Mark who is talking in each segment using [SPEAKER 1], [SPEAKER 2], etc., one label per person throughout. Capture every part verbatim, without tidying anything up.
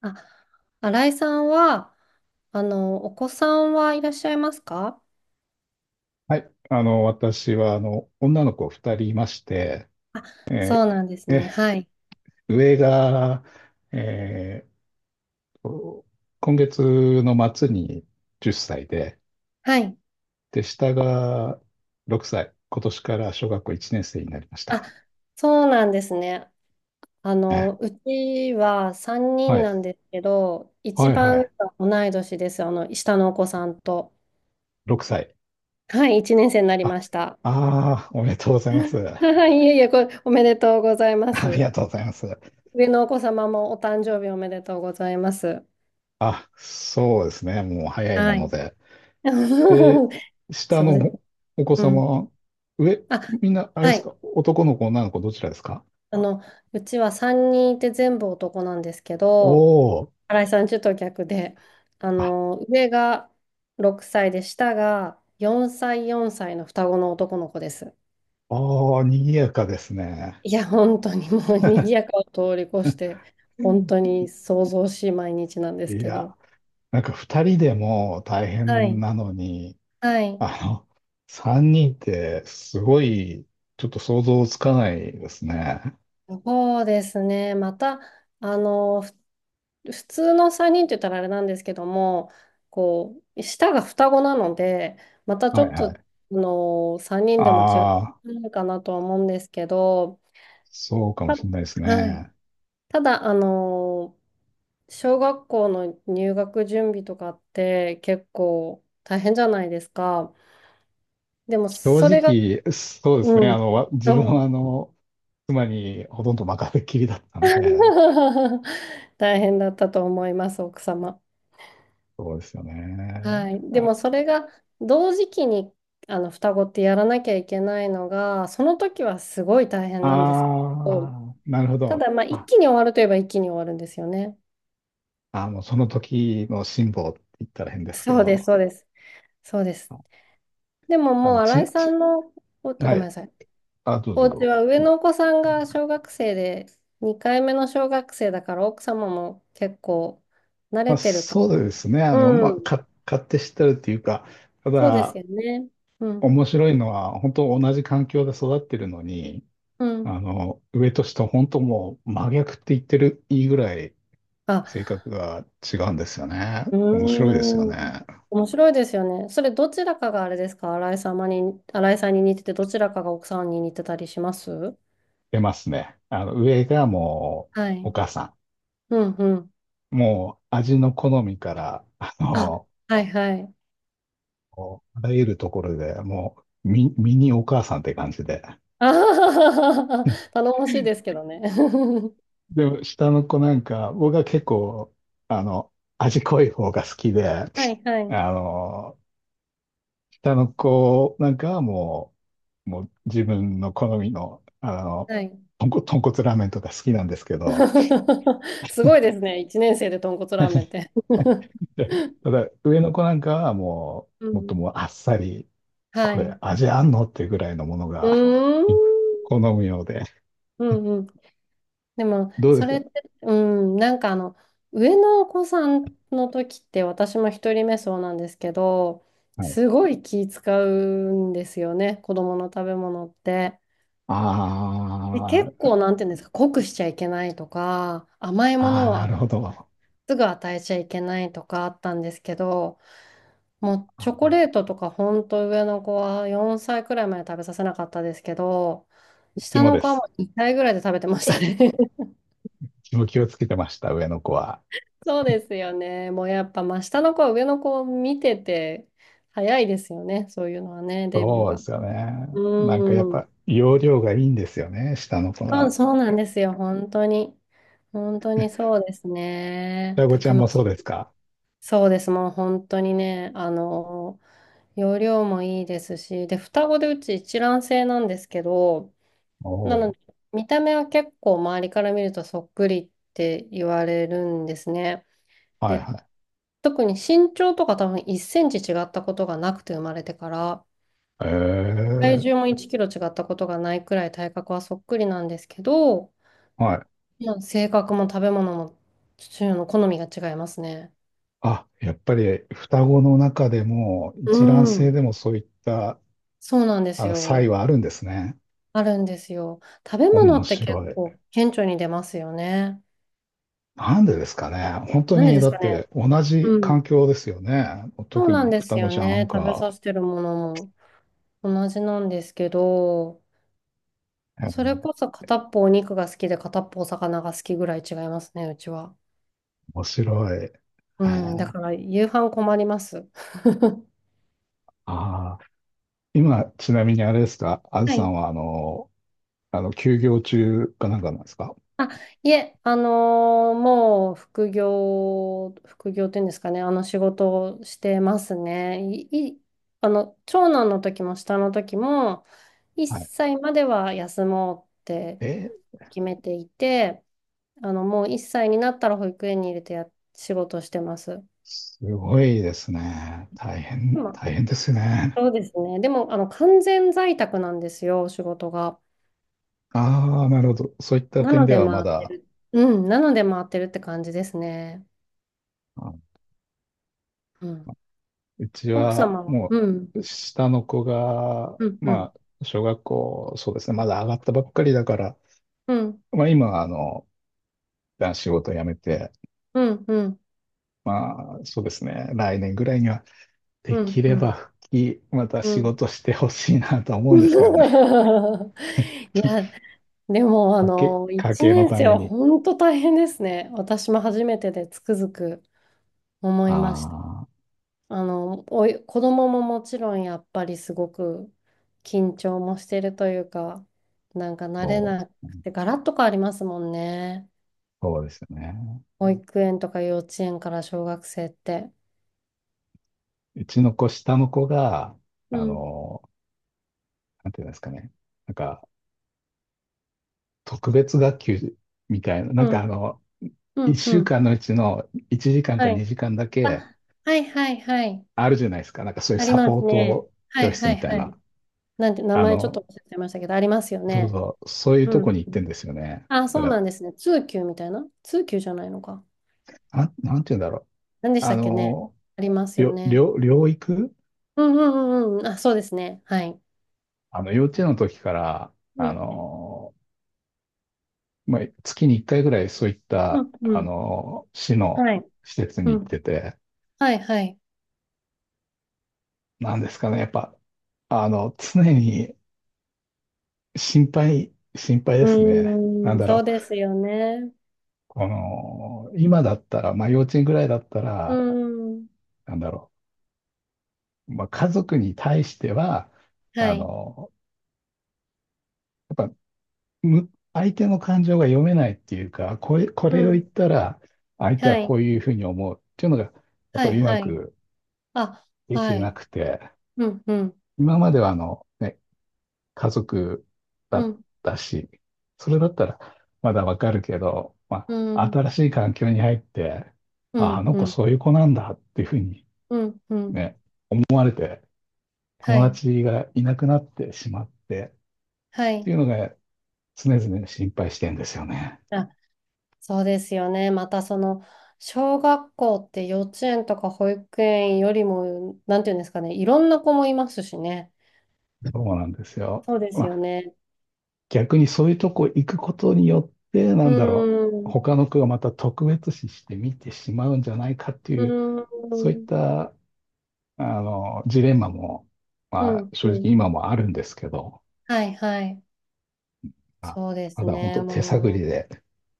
[SPEAKER 1] あ、新井さんは、あの、お子さんはいらっしゃいますか？
[SPEAKER 2] はい。あの、私は、あの、女の子二人いまして、
[SPEAKER 1] そ
[SPEAKER 2] え
[SPEAKER 1] う
[SPEAKER 2] ー
[SPEAKER 1] なんですね。はい。
[SPEAKER 2] 上が、えーと今月の末にじゅっさいで、
[SPEAKER 1] はい。
[SPEAKER 2] で、下がろくさい。今年から小学校いちねん生になりまし
[SPEAKER 1] あ、
[SPEAKER 2] た。
[SPEAKER 1] そうなんですね。あ
[SPEAKER 2] ね。
[SPEAKER 1] の、うちは3
[SPEAKER 2] は
[SPEAKER 1] 人
[SPEAKER 2] い。
[SPEAKER 1] なんですけど、一
[SPEAKER 2] はいは
[SPEAKER 1] 番上
[SPEAKER 2] い。
[SPEAKER 1] が同い年です。あの、下のお子さんと。
[SPEAKER 2] ろくさい。
[SPEAKER 1] はい、いちねん生になり
[SPEAKER 2] あ、
[SPEAKER 1] ました。
[SPEAKER 2] ああ、おめでとうございます。
[SPEAKER 1] はい、いえいえ、これ、おめでとうございま
[SPEAKER 2] あり
[SPEAKER 1] す。
[SPEAKER 2] がとうございます。
[SPEAKER 1] 上のお子様もお誕生日おめでとうございます。
[SPEAKER 2] あ、そうですね。もう早いも
[SPEAKER 1] は
[SPEAKER 2] の
[SPEAKER 1] い。
[SPEAKER 2] で。で、下
[SPEAKER 1] そうです。
[SPEAKER 2] のお子
[SPEAKER 1] う
[SPEAKER 2] 様
[SPEAKER 1] ん。
[SPEAKER 2] は、上、
[SPEAKER 1] あ、
[SPEAKER 2] みんな、あれで
[SPEAKER 1] は
[SPEAKER 2] す
[SPEAKER 1] い。
[SPEAKER 2] か、男の子、女の子、どちらですか？
[SPEAKER 1] あの、うちはさんにんいて全部男なんですけど、
[SPEAKER 2] おー、
[SPEAKER 1] 新井さんちょっと逆で、あ
[SPEAKER 2] あ、
[SPEAKER 1] の、上がろくさいで下がよんさい、よんさいの双子の男の子です。
[SPEAKER 2] おー、賑やかですね。
[SPEAKER 1] いや、本当にもう賑やかを通り越して、
[SPEAKER 2] う
[SPEAKER 1] 本
[SPEAKER 2] ん。
[SPEAKER 1] 当に騒々しい毎日なんで
[SPEAKER 2] い
[SPEAKER 1] すけ
[SPEAKER 2] や、
[SPEAKER 1] ど。
[SPEAKER 2] なんか二人でも大
[SPEAKER 1] は
[SPEAKER 2] 変
[SPEAKER 1] い。
[SPEAKER 2] なのに、
[SPEAKER 1] はい。
[SPEAKER 2] あの、三人ってすごい、ちょっと想像つかないですね。
[SPEAKER 1] そうですね。また、あの、ふ普通のさんにんって言ったらあれなんですけども、こう、下が双子なので、またち
[SPEAKER 2] はい
[SPEAKER 1] ょっ
[SPEAKER 2] は
[SPEAKER 1] と、
[SPEAKER 2] い。
[SPEAKER 1] あの、さんにんでも違
[SPEAKER 2] ああ、
[SPEAKER 1] うかなとは思うんですけど、
[SPEAKER 2] そうかも
[SPEAKER 1] た、
[SPEAKER 2] しれないです
[SPEAKER 1] はい。
[SPEAKER 2] ね。
[SPEAKER 1] ただ、あの、小学校の入学準備とかって結構大変じゃないですか。でも、
[SPEAKER 2] 正
[SPEAKER 1] それが、
[SPEAKER 2] 直、そうですね。
[SPEAKER 1] う
[SPEAKER 2] あ
[SPEAKER 1] ん。
[SPEAKER 2] の、わ自分
[SPEAKER 1] そ
[SPEAKER 2] はあ
[SPEAKER 1] う。
[SPEAKER 2] の、妻にほとんど任せっきりだったんで、
[SPEAKER 1] 大変だったと思います、奥様。
[SPEAKER 2] そうですよね。
[SPEAKER 1] はい。で
[SPEAKER 2] あ、
[SPEAKER 1] もそれが同時期に、あの、双子ってやらなきゃいけないのが、その時はすごい大変なんですけど、
[SPEAKER 2] あー、なるほ
[SPEAKER 1] た
[SPEAKER 2] ど。
[SPEAKER 1] だまあ一
[SPEAKER 2] あ、
[SPEAKER 1] 気に終わるといえば一気に終わるんですよね。
[SPEAKER 2] あの、その時の辛抱って言ったら変ですけ
[SPEAKER 1] そうです、
[SPEAKER 2] ど、
[SPEAKER 1] そうです。そうです。
[SPEAKER 2] あ
[SPEAKER 1] でも
[SPEAKER 2] あ
[SPEAKER 1] もう
[SPEAKER 2] の、
[SPEAKER 1] 新
[SPEAKER 2] ち、
[SPEAKER 1] 井さ
[SPEAKER 2] ち、
[SPEAKER 1] んのお、ご
[SPEAKER 2] は
[SPEAKER 1] めん
[SPEAKER 2] い。
[SPEAKER 1] なさい。
[SPEAKER 2] あ、どう
[SPEAKER 1] お
[SPEAKER 2] ぞど
[SPEAKER 1] 家
[SPEAKER 2] うぞ。
[SPEAKER 1] は上のお子さんが小学生で、にかいめの小学生だから奥様も結構慣
[SPEAKER 2] ま
[SPEAKER 1] れ
[SPEAKER 2] あ、
[SPEAKER 1] てるか
[SPEAKER 2] そう
[SPEAKER 1] ら。
[SPEAKER 2] ですね。あの、ま
[SPEAKER 1] う
[SPEAKER 2] あ、
[SPEAKER 1] ん。
[SPEAKER 2] か、勝手知ってるっていうか、た
[SPEAKER 1] そうです
[SPEAKER 2] だ、
[SPEAKER 1] よね。うん。
[SPEAKER 2] 面白いのは、本当同じ環境で育ってるのに、
[SPEAKER 1] うん。
[SPEAKER 2] あの、上と下、本当もう真逆って言ってるいいぐらい
[SPEAKER 1] あ
[SPEAKER 2] 性格が違うんですよね。
[SPEAKER 1] う
[SPEAKER 2] 面白いですよ
[SPEAKER 1] ーん。
[SPEAKER 2] ね。
[SPEAKER 1] 面白いですよね。それ、どちらかがあれですか、新井様に、新井さんに似てて、どちらかが奥さんに似てたりします？
[SPEAKER 2] 出ますね。あの、上がもう、
[SPEAKER 1] は
[SPEAKER 2] お
[SPEAKER 1] い。
[SPEAKER 2] 母さ
[SPEAKER 1] うんうん。
[SPEAKER 2] ん。もう、味の好みから、あ
[SPEAKER 1] あ、
[SPEAKER 2] の、
[SPEAKER 1] はいはい。
[SPEAKER 2] あらゆるところで、もう、ミ、ミニお母さんって感じで。
[SPEAKER 1] あはははは。 頼もしいですけどね。
[SPEAKER 2] でも、下の子なんか、僕は結構、あの、味濃い方が好きで、あ
[SPEAKER 1] はいはい。
[SPEAKER 2] の、下の子なんかはもう、もう自分の好みの、あの、
[SPEAKER 1] はい。
[SPEAKER 2] 豚骨、豚骨ラーメンとか好きなんですけど、
[SPEAKER 1] すごいですね。いちねん生で豚骨ラーメンって。
[SPEAKER 2] で ただ、上の子なんかはも
[SPEAKER 1] う
[SPEAKER 2] う、もっと
[SPEAKER 1] ん。
[SPEAKER 2] もうあっさり、
[SPEAKER 1] は
[SPEAKER 2] これ
[SPEAKER 1] い。
[SPEAKER 2] 味あんのっていうぐらいのもの
[SPEAKER 1] う
[SPEAKER 2] が
[SPEAKER 1] ー ん。
[SPEAKER 2] 好むようで。
[SPEAKER 1] うんうん。でも、
[SPEAKER 2] どうで
[SPEAKER 1] そ
[SPEAKER 2] す
[SPEAKER 1] れっ
[SPEAKER 2] か？
[SPEAKER 1] て、うん、なんかあの、上のお子さんの時って、私も一人目そうなんですけど、
[SPEAKER 2] はい。
[SPEAKER 1] すごい気使うんですよね、子供の食べ物って。
[SPEAKER 2] あ
[SPEAKER 1] で、結
[SPEAKER 2] ー、
[SPEAKER 1] 構、なんていうんですか、濃くしちゃいけないとか、甘いも
[SPEAKER 2] あー、
[SPEAKER 1] の
[SPEAKER 2] な
[SPEAKER 1] は
[SPEAKER 2] るほど。
[SPEAKER 1] すぐ与えちゃいけないとかあったんですけど、もうチョ
[SPEAKER 2] あ
[SPEAKER 1] コレートとか、ほんと上の子はよんさいくらいまで食べさせなかったですけど、
[SPEAKER 2] うち
[SPEAKER 1] 下
[SPEAKER 2] も
[SPEAKER 1] の
[SPEAKER 2] で
[SPEAKER 1] 子はも
[SPEAKER 2] す。
[SPEAKER 1] うにさいぐらいで食べてましたね。
[SPEAKER 2] うちも気をつけてました、上の子は。
[SPEAKER 1] そうですよね。もうやっぱ真下の子、上の子を見てて、早いですよね。そういうのはね、デビュー
[SPEAKER 2] そうで
[SPEAKER 1] が。
[SPEAKER 2] すよね。なんかやっ
[SPEAKER 1] うん。
[SPEAKER 2] ぱ容量がいいんですよね、下の子
[SPEAKER 1] あ、
[SPEAKER 2] は。
[SPEAKER 1] そうなんですよ。本当に。本当にそうですね。
[SPEAKER 2] 双子
[SPEAKER 1] た
[SPEAKER 2] ちゃ
[SPEAKER 1] く
[SPEAKER 2] ん
[SPEAKER 1] ま
[SPEAKER 2] も
[SPEAKER 1] し
[SPEAKER 2] そう
[SPEAKER 1] い。
[SPEAKER 2] ですか？
[SPEAKER 1] そうです。もう本当にね、あの、容量もいいですし、で、双子でうち一卵性なんですけど、
[SPEAKER 2] お
[SPEAKER 1] な
[SPEAKER 2] お
[SPEAKER 1] ので、
[SPEAKER 2] ー。
[SPEAKER 1] 見た目は結構周りから見るとそっくりって言われるんですね。
[SPEAKER 2] はい
[SPEAKER 1] で、
[SPEAKER 2] はい。
[SPEAKER 1] 特に身長とか多分いちセンチ違ったことがなくて生まれてから、
[SPEAKER 2] え
[SPEAKER 1] 体
[SPEAKER 2] ー、
[SPEAKER 1] 重もいちキロ違ったことがないくらい体格はそっくりなんですけど、
[SPEAKER 2] はい。
[SPEAKER 1] まあ性格も食べ物も父親の好みが違いますね。
[SPEAKER 2] あ、やっぱり双子の中でも
[SPEAKER 1] う
[SPEAKER 2] 一卵性
[SPEAKER 1] ん。
[SPEAKER 2] でもそういった
[SPEAKER 1] そうなんです
[SPEAKER 2] あの差異
[SPEAKER 1] よ。
[SPEAKER 2] はあるんですね。
[SPEAKER 1] あるんですよ。食べ物
[SPEAKER 2] 面
[SPEAKER 1] って結
[SPEAKER 2] 白い。
[SPEAKER 1] 構顕著に出ますよね。
[SPEAKER 2] なんでですかね。本当
[SPEAKER 1] なんで
[SPEAKER 2] に、
[SPEAKER 1] で
[SPEAKER 2] だ
[SPEAKER 1] す
[SPEAKER 2] っ
[SPEAKER 1] かね。
[SPEAKER 2] て同じ
[SPEAKER 1] うん。
[SPEAKER 2] 環境ですよね。
[SPEAKER 1] そう
[SPEAKER 2] 特
[SPEAKER 1] なん
[SPEAKER 2] に
[SPEAKER 1] で
[SPEAKER 2] 双
[SPEAKER 1] す
[SPEAKER 2] 子
[SPEAKER 1] よ
[SPEAKER 2] ちゃん
[SPEAKER 1] ね。食べ
[SPEAKER 2] か。
[SPEAKER 1] させてるものも同じなんですけど、
[SPEAKER 2] う
[SPEAKER 1] それ
[SPEAKER 2] ん。
[SPEAKER 1] こそ片っぽお肉が好きで片っぽお魚が好きぐらい違いますね、うちは。
[SPEAKER 2] 面白い。え
[SPEAKER 1] うん、だか
[SPEAKER 2] ー
[SPEAKER 1] ら夕飯困ります。
[SPEAKER 2] あー今、ちなみにあれですか、あず
[SPEAKER 1] は
[SPEAKER 2] さ
[SPEAKER 1] い。
[SPEAKER 2] んは、あの、あの、休業中かなんかなんですか？
[SPEAKER 1] あ、いえ、あのーもう副業、副業っていうんですかね、あの仕事をしてますね。い、い、あの、長男の時も下の時も、1
[SPEAKER 2] はい。
[SPEAKER 1] 歳までは休もうって
[SPEAKER 2] えー、
[SPEAKER 1] 決めていて、あの、もういっさいになったら保育園に入れてや、仕事してます。
[SPEAKER 2] すごいですね。大変、
[SPEAKER 1] 今、
[SPEAKER 2] 大変ですね。
[SPEAKER 1] そうですね。でも、あの、完全在宅なんですよ、仕事が。
[SPEAKER 2] ああ、なるほど。そういった
[SPEAKER 1] な
[SPEAKER 2] 点
[SPEAKER 1] の
[SPEAKER 2] で
[SPEAKER 1] で回
[SPEAKER 2] はま
[SPEAKER 1] って
[SPEAKER 2] だ、
[SPEAKER 1] る。うん、なので回ってるって感じですね。うん。
[SPEAKER 2] うち
[SPEAKER 1] 奥
[SPEAKER 2] は
[SPEAKER 1] 様は、
[SPEAKER 2] も
[SPEAKER 1] うん、
[SPEAKER 2] う下の子が、
[SPEAKER 1] うん、う
[SPEAKER 2] ま
[SPEAKER 1] ん、
[SPEAKER 2] あ、小学校、そうですね、まだ上がったばっかりだから、
[SPEAKER 1] うん、
[SPEAKER 2] まあ今、あの、一旦仕事を辞めて、
[SPEAKER 1] うん、うん、
[SPEAKER 2] まあそうですね、来年ぐらいにはで
[SPEAKER 1] う
[SPEAKER 2] き
[SPEAKER 1] ん、う
[SPEAKER 2] れ
[SPEAKER 1] ん。
[SPEAKER 2] ば復帰、また
[SPEAKER 1] う
[SPEAKER 2] 仕
[SPEAKER 1] ん。
[SPEAKER 2] 事してほしいなとは思うんですけどね。
[SPEAKER 1] いや、でも、あ
[SPEAKER 2] 家計、
[SPEAKER 1] の、
[SPEAKER 2] 家
[SPEAKER 1] 1
[SPEAKER 2] 計の
[SPEAKER 1] 年
[SPEAKER 2] た
[SPEAKER 1] 生
[SPEAKER 2] め
[SPEAKER 1] は
[SPEAKER 2] に。
[SPEAKER 1] 本当大変ですね。私も初めてでつくづく思いました。
[SPEAKER 2] ああ、
[SPEAKER 1] あの、おい、子供ももちろんやっぱりすごく緊張もしてるというか、なんか慣れ
[SPEAKER 2] そう
[SPEAKER 1] な
[SPEAKER 2] です
[SPEAKER 1] く
[SPEAKER 2] ね、
[SPEAKER 1] て、ガラッと変わりますもんね。
[SPEAKER 2] そうですよね。
[SPEAKER 1] 保育園とか幼稚園から小学生って。
[SPEAKER 2] うちの子、下の子が、あ
[SPEAKER 1] うん、
[SPEAKER 2] の、なんていうんですかね、なんか特別学級みたいな、なん
[SPEAKER 1] う
[SPEAKER 2] か
[SPEAKER 1] ん、
[SPEAKER 2] あの、
[SPEAKER 1] うん、う
[SPEAKER 2] 1週
[SPEAKER 1] ん。
[SPEAKER 2] 間のうちのいちじかんか
[SPEAKER 1] はい。
[SPEAKER 2] にじかんだけ
[SPEAKER 1] あ、はいはいはい。
[SPEAKER 2] あるじゃないですか。なんかそういう
[SPEAKER 1] あり
[SPEAKER 2] サ
[SPEAKER 1] ま
[SPEAKER 2] ポ
[SPEAKER 1] す
[SPEAKER 2] ー
[SPEAKER 1] ね。
[SPEAKER 2] ト
[SPEAKER 1] は
[SPEAKER 2] 教
[SPEAKER 1] い
[SPEAKER 2] 室
[SPEAKER 1] は
[SPEAKER 2] み
[SPEAKER 1] い
[SPEAKER 2] たい
[SPEAKER 1] は
[SPEAKER 2] な。
[SPEAKER 1] い。なんて、名
[SPEAKER 2] あ
[SPEAKER 1] 前ちょっと
[SPEAKER 2] の、
[SPEAKER 1] 忘れてましたけど、ありますよ
[SPEAKER 2] そう
[SPEAKER 1] ね。
[SPEAKER 2] そう、そういう
[SPEAKER 1] う
[SPEAKER 2] とこ
[SPEAKER 1] ん。
[SPEAKER 2] に行ってんですよね。
[SPEAKER 1] あ、そ
[SPEAKER 2] だか
[SPEAKER 1] うな
[SPEAKER 2] ら、
[SPEAKER 1] んですね。通級みたいな、通級じゃないのか。
[SPEAKER 2] なん、なんて言うんだろう。
[SPEAKER 1] 何でした
[SPEAKER 2] あ
[SPEAKER 1] っけね。
[SPEAKER 2] の、
[SPEAKER 1] あります
[SPEAKER 2] り
[SPEAKER 1] よ
[SPEAKER 2] ょ、り
[SPEAKER 1] ね。
[SPEAKER 2] ょ、療育。
[SPEAKER 1] うんうんうんうん。あ、そうですね。はい。
[SPEAKER 2] あの、幼稚園の時から、
[SPEAKER 1] う
[SPEAKER 2] あ
[SPEAKER 1] ん。
[SPEAKER 2] の、まあ、月にいっかいぐらいそういっ
[SPEAKER 1] う
[SPEAKER 2] た、
[SPEAKER 1] んう
[SPEAKER 2] あ
[SPEAKER 1] ん。
[SPEAKER 2] の、市の
[SPEAKER 1] はい。
[SPEAKER 2] 施設に
[SPEAKER 1] う
[SPEAKER 2] 行っ
[SPEAKER 1] ん。
[SPEAKER 2] てて、
[SPEAKER 1] はいはい。
[SPEAKER 2] なんですかね、やっぱ、あの、常に心配、心配で
[SPEAKER 1] う
[SPEAKER 2] すね。なん
[SPEAKER 1] ーん。
[SPEAKER 2] だ
[SPEAKER 1] そう
[SPEAKER 2] ろ
[SPEAKER 1] で
[SPEAKER 2] う。
[SPEAKER 1] すよね。
[SPEAKER 2] この、今だったら、まあ幼稚園ぐらいだった
[SPEAKER 1] うー
[SPEAKER 2] ら、
[SPEAKER 1] ん。
[SPEAKER 2] なんだろう、まあ家族に対しては、
[SPEAKER 1] は
[SPEAKER 2] あ
[SPEAKER 1] い。
[SPEAKER 2] の、やっぱ、む、相手の感情が読めないっていうか、これ、こ
[SPEAKER 1] う
[SPEAKER 2] れを言っ
[SPEAKER 1] ん。
[SPEAKER 2] たら、相手は
[SPEAKER 1] はい。
[SPEAKER 2] こういうふうに思うっていうのが、やっ
[SPEAKER 1] は
[SPEAKER 2] ぱ
[SPEAKER 1] い
[SPEAKER 2] りうま
[SPEAKER 1] はい。
[SPEAKER 2] く
[SPEAKER 1] あ、
[SPEAKER 2] でき
[SPEAKER 1] は
[SPEAKER 2] てな
[SPEAKER 1] い。
[SPEAKER 2] くて、
[SPEAKER 1] うんうん
[SPEAKER 2] 今まではあの、ね、家族だ
[SPEAKER 1] う
[SPEAKER 2] っ
[SPEAKER 1] ん。
[SPEAKER 2] たし、それだったらまだわかるけど、ま
[SPEAKER 1] う
[SPEAKER 2] あ、
[SPEAKER 1] ん。
[SPEAKER 2] 新しい環境に入って、
[SPEAKER 1] う
[SPEAKER 2] あ、あ
[SPEAKER 1] ん
[SPEAKER 2] の
[SPEAKER 1] う
[SPEAKER 2] 子
[SPEAKER 1] ん
[SPEAKER 2] そういう子なんだっていうふうに
[SPEAKER 1] うんうん。
[SPEAKER 2] ね、思われて、
[SPEAKER 1] は
[SPEAKER 2] 友
[SPEAKER 1] い。
[SPEAKER 2] 達がいなくなってしまって
[SPEAKER 1] は
[SPEAKER 2] っ
[SPEAKER 1] い。
[SPEAKER 2] ていうのが常々心配してんですよね。
[SPEAKER 1] あ、そうですよね。またその、小学校って幼稚園とか保育園よりも、なんていうんですかね、いろんな子もいますしね。
[SPEAKER 2] そうなんですよ。
[SPEAKER 1] そうで
[SPEAKER 2] ま
[SPEAKER 1] すよ
[SPEAKER 2] あ、
[SPEAKER 1] ね。
[SPEAKER 2] 逆にそういうとこ行くことによって、
[SPEAKER 1] う
[SPEAKER 2] なんだろ
[SPEAKER 1] ー
[SPEAKER 2] う、
[SPEAKER 1] ん。
[SPEAKER 2] 他の子がまた特別視して見てしまうんじゃないかって
[SPEAKER 1] う
[SPEAKER 2] い
[SPEAKER 1] ー
[SPEAKER 2] う、そういっ
[SPEAKER 1] ん、
[SPEAKER 2] た、あの、ジレンマも、
[SPEAKER 1] う
[SPEAKER 2] まあ、
[SPEAKER 1] ん、う
[SPEAKER 2] 正直
[SPEAKER 1] ん。
[SPEAKER 2] 今もあるんですけど、
[SPEAKER 1] はいはい。
[SPEAKER 2] まあ
[SPEAKER 1] そうで
[SPEAKER 2] ま
[SPEAKER 1] す
[SPEAKER 2] だ本
[SPEAKER 1] ね。
[SPEAKER 2] 当手探
[SPEAKER 1] も
[SPEAKER 2] りで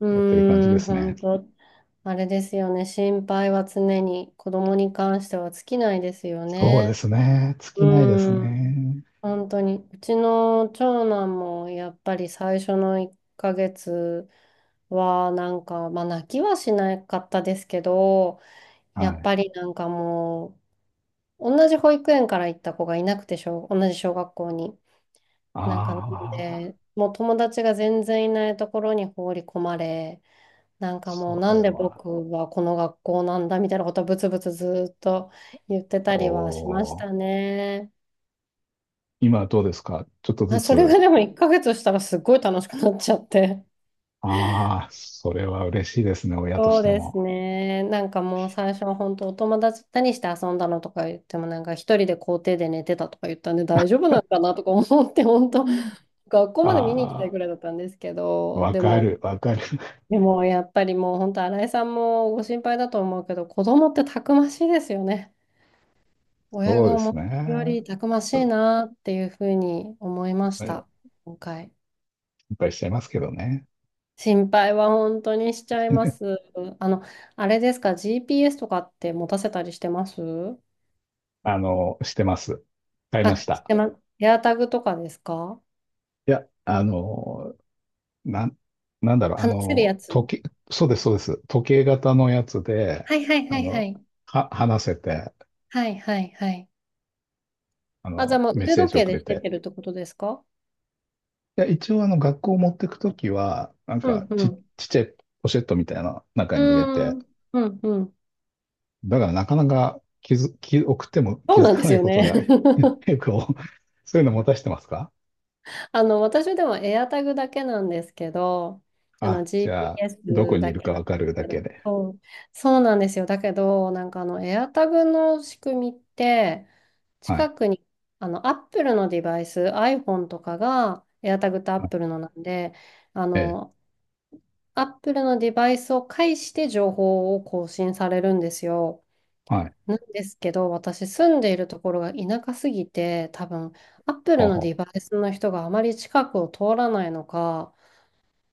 [SPEAKER 1] う、
[SPEAKER 2] やってる感じ
[SPEAKER 1] うー
[SPEAKER 2] で
[SPEAKER 1] ん、
[SPEAKER 2] すね。
[SPEAKER 1] 本当、あれですよね。心配は常に、子供に関しては尽きないですよ
[SPEAKER 2] そうで
[SPEAKER 1] ね。
[SPEAKER 2] すね。尽
[SPEAKER 1] う
[SPEAKER 2] きないです
[SPEAKER 1] ーん、
[SPEAKER 2] ね。
[SPEAKER 1] 本当に。うちの長男も、やっぱり最初のいっかげつは、なんか、まあ、泣きはしなかったですけど、や
[SPEAKER 2] は
[SPEAKER 1] っ
[SPEAKER 2] い。
[SPEAKER 1] ぱりなんかもう、同じ保育園から行った子がいなくて、小同じ小学校に。なんかなの
[SPEAKER 2] ああ、
[SPEAKER 1] で、もう友達が全然いないところに放り込まれ、なんかもう
[SPEAKER 2] そ
[SPEAKER 1] な
[SPEAKER 2] れ
[SPEAKER 1] んで
[SPEAKER 2] は。
[SPEAKER 1] 僕はこの学校なんだみたいなことをブツブツずーっと言ってた
[SPEAKER 2] お
[SPEAKER 1] りはしました
[SPEAKER 2] ー、
[SPEAKER 1] ね。
[SPEAKER 2] 今はどうですか？ちょっとず
[SPEAKER 1] あ、それが
[SPEAKER 2] つ。
[SPEAKER 1] でもいっかげつしたらすっごい楽しくなっちゃって。
[SPEAKER 2] ああ、それは嬉しいですね、親とし
[SPEAKER 1] そう
[SPEAKER 2] て
[SPEAKER 1] です
[SPEAKER 2] も。
[SPEAKER 1] ね。なんかもう最初は本当お友達何して遊んだのとか言ってもなんか一人で校庭で寝てたとか言ったんで大丈夫なのかなとか思って本
[SPEAKER 2] う
[SPEAKER 1] 当
[SPEAKER 2] ん。
[SPEAKER 1] 学校まで見に行きたい
[SPEAKER 2] あ
[SPEAKER 1] ぐらいだったんですけ
[SPEAKER 2] あ、
[SPEAKER 1] ど、
[SPEAKER 2] わ
[SPEAKER 1] で
[SPEAKER 2] か
[SPEAKER 1] も
[SPEAKER 2] る、わかる。
[SPEAKER 1] でもやっぱりもう本当新井さんもご心配だと思うけど子供ってたくましいですよね。親
[SPEAKER 2] そう
[SPEAKER 1] が
[SPEAKER 2] で
[SPEAKER 1] 思っ
[SPEAKER 2] すね。
[SPEAKER 1] てるよりたくましいなっていうふうに思いました。今回。
[SPEAKER 2] 心配しちゃいますけどね。
[SPEAKER 1] 心配は本当にしちゃいます。あの、あれですか、 ジーピーエス とかって持たせたりしてます？
[SPEAKER 2] あの、してます。買いま
[SPEAKER 1] あ、
[SPEAKER 2] し
[SPEAKER 1] し
[SPEAKER 2] た。
[SPEAKER 1] てます。エアタグとかですか？
[SPEAKER 2] いや、あの、なん、なんだろう、あ
[SPEAKER 1] 話せるや
[SPEAKER 2] の、
[SPEAKER 1] つ？
[SPEAKER 2] 時計、そうです、そうです。時計型のやつで、
[SPEAKER 1] はいはいは
[SPEAKER 2] あ
[SPEAKER 1] いは
[SPEAKER 2] の、
[SPEAKER 1] い。
[SPEAKER 2] は、話せて、
[SPEAKER 1] はいはいはい。
[SPEAKER 2] あ
[SPEAKER 1] あ、じゃあ
[SPEAKER 2] の、
[SPEAKER 1] もう
[SPEAKER 2] メッ
[SPEAKER 1] 腕
[SPEAKER 2] セー
[SPEAKER 1] 時
[SPEAKER 2] ジを
[SPEAKER 1] 計
[SPEAKER 2] く
[SPEAKER 1] で
[SPEAKER 2] れ
[SPEAKER 1] してっ
[SPEAKER 2] て、
[SPEAKER 1] てるってことですか？
[SPEAKER 2] いや、一応あの学校持ってくときは、なん
[SPEAKER 1] う
[SPEAKER 2] か
[SPEAKER 1] んう
[SPEAKER 2] ち、
[SPEAKER 1] ん。
[SPEAKER 2] ちっちゃいポシェットみたいな中
[SPEAKER 1] う
[SPEAKER 2] に入れ
[SPEAKER 1] ー
[SPEAKER 2] て、
[SPEAKER 1] ん。うんうん。
[SPEAKER 2] だからなかなか気づ、気、送っても
[SPEAKER 1] そ
[SPEAKER 2] 気
[SPEAKER 1] う
[SPEAKER 2] づ
[SPEAKER 1] なんで
[SPEAKER 2] か
[SPEAKER 1] す
[SPEAKER 2] ない
[SPEAKER 1] よ
[SPEAKER 2] こと
[SPEAKER 1] ね。
[SPEAKER 2] が 結 構、そういうの持たしてますか？
[SPEAKER 1] あの、私でも AirTag だけなんですけど、あの、
[SPEAKER 2] あ、じゃあ、どこ
[SPEAKER 1] ジーピーエス
[SPEAKER 2] にい
[SPEAKER 1] だ
[SPEAKER 2] る
[SPEAKER 1] け
[SPEAKER 2] か
[SPEAKER 1] なん
[SPEAKER 2] わ
[SPEAKER 1] で
[SPEAKER 2] かる
[SPEAKER 1] す
[SPEAKER 2] だ
[SPEAKER 1] けど、
[SPEAKER 2] けで。
[SPEAKER 1] そう、そうなんですよ。だけど、なんかあの、AirTag の仕組みって、
[SPEAKER 2] はい。
[SPEAKER 1] 近くに、あの、Apple のデバイス、iPhone とかが、AirTag と
[SPEAKER 2] はい。
[SPEAKER 1] Apple のなんで、あ
[SPEAKER 2] ええ、
[SPEAKER 1] の、Apple のデバイスを介して情報を更新されるんですよ。
[SPEAKER 2] はい。
[SPEAKER 1] なんですけど、私住んでいるところが田舎すぎて、多分、アップ
[SPEAKER 2] あ、
[SPEAKER 1] ルの
[SPEAKER 2] は
[SPEAKER 1] デバイスの人があまり近くを通らないのか、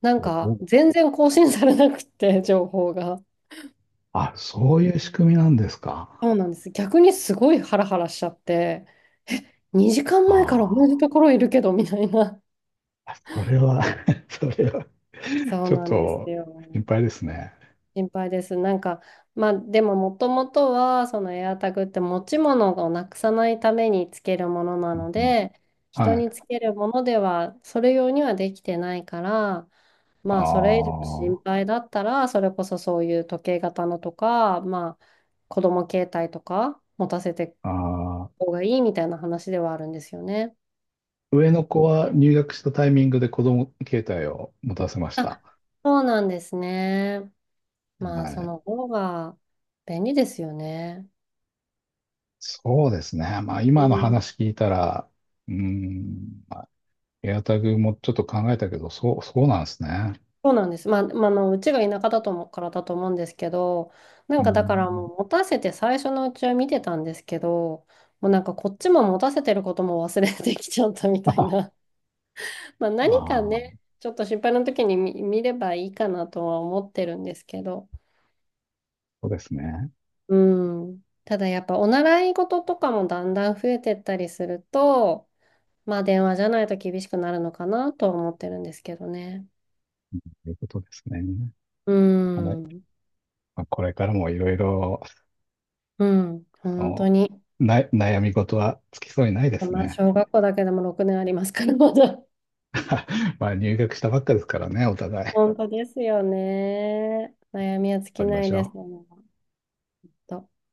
[SPEAKER 1] なん
[SPEAKER 2] お
[SPEAKER 1] か
[SPEAKER 2] お、
[SPEAKER 1] 全然更新されなくって、情報が。
[SPEAKER 2] あ、そういう仕組みなんです
[SPEAKER 1] そ
[SPEAKER 2] か。
[SPEAKER 1] うなんです。逆にすごいハラハラしちゃって、にじかんまえから同じ
[SPEAKER 2] あ
[SPEAKER 1] ところいるけど、みたいな。
[SPEAKER 2] あ、それは それは
[SPEAKER 1] そう
[SPEAKER 2] ちょっ
[SPEAKER 1] なんです
[SPEAKER 2] と
[SPEAKER 1] よ。
[SPEAKER 2] 心配ですね。
[SPEAKER 1] 心配です。なんか、まあ、でももともとは、そのエアタグって持ち物をなくさないためにつけるものな
[SPEAKER 2] う
[SPEAKER 1] の
[SPEAKER 2] ん。
[SPEAKER 1] で、人
[SPEAKER 2] はい。
[SPEAKER 1] につけるものでは、それ用にはできてないから、まあ、それ以
[SPEAKER 2] あ
[SPEAKER 1] 上心配だったら、それこそそういう時計型のとか、まあ、子供携帯とか持たせていく
[SPEAKER 2] あ、ああ。
[SPEAKER 1] 方がいいみたいな話ではあるんですよね。
[SPEAKER 2] 上の子は入学したタイミングで子供携帯を持たせました。
[SPEAKER 1] あ、そうなんですね。まあ、
[SPEAKER 2] は
[SPEAKER 1] そ
[SPEAKER 2] い。
[SPEAKER 1] の方が便利ですよね。
[SPEAKER 2] そうですね。まあ
[SPEAKER 1] う
[SPEAKER 2] 今の
[SPEAKER 1] ん、
[SPEAKER 2] 話聞いたら、うーん、エアタグもちょっと考えたけど、そう、そうなんですね。
[SPEAKER 1] そうなんです。まあ、まあ、あの、うちが田舎だと思うからだと思うんですけど、な
[SPEAKER 2] う
[SPEAKER 1] ん
[SPEAKER 2] ー
[SPEAKER 1] かだから
[SPEAKER 2] ん。
[SPEAKER 1] もう持たせて最初のうちは見てたんですけど、もうなんかこっちも持たせてることも忘れてきちゃったみ たい
[SPEAKER 2] あ
[SPEAKER 1] な。まあ
[SPEAKER 2] あ
[SPEAKER 1] 何かね、
[SPEAKER 2] ー、
[SPEAKER 1] ちょっと心配な時に見、見ればいいかなとは思ってるんですけど。
[SPEAKER 2] そうですね。
[SPEAKER 1] うん。ただやっぱお習い事とかもだんだん増えてったりすると、まあ電話じゃないと厳しくなるのかなとは思ってるんですけどね。
[SPEAKER 2] ということですね。
[SPEAKER 1] う
[SPEAKER 2] あれ、
[SPEAKER 1] ん。
[SPEAKER 2] まあ、これからもいろいろ、
[SPEAKER 1] うん。
[SPEAKER 2] あ
[SPEAKER 1] 本当
[SPEAKER 2] の、
[SPEAKER 1] に。
[SPEAKER 2] な、悩み事は尽きそうにないです
[SPEAKER 1] まあ、
[SPEAKER 2] ね。
[SPEAKER 1] 小学校だけでもろくねんありますから、まだ。
[SPEAKER 2] まあ入学したばっかですからね、お互い。頑
[SPEAKER 1] 本当ですよね。悩みは尽
[SPEAKER 2] 張
[SPEAKER 1] き
[SPEAKER 2] りま
[SPEAKER 1] ない
[SPEAKER 2] し
[SPEAKER 1] です。
[SPEAKER 2] ょう。
[SPEAKER 1] 本当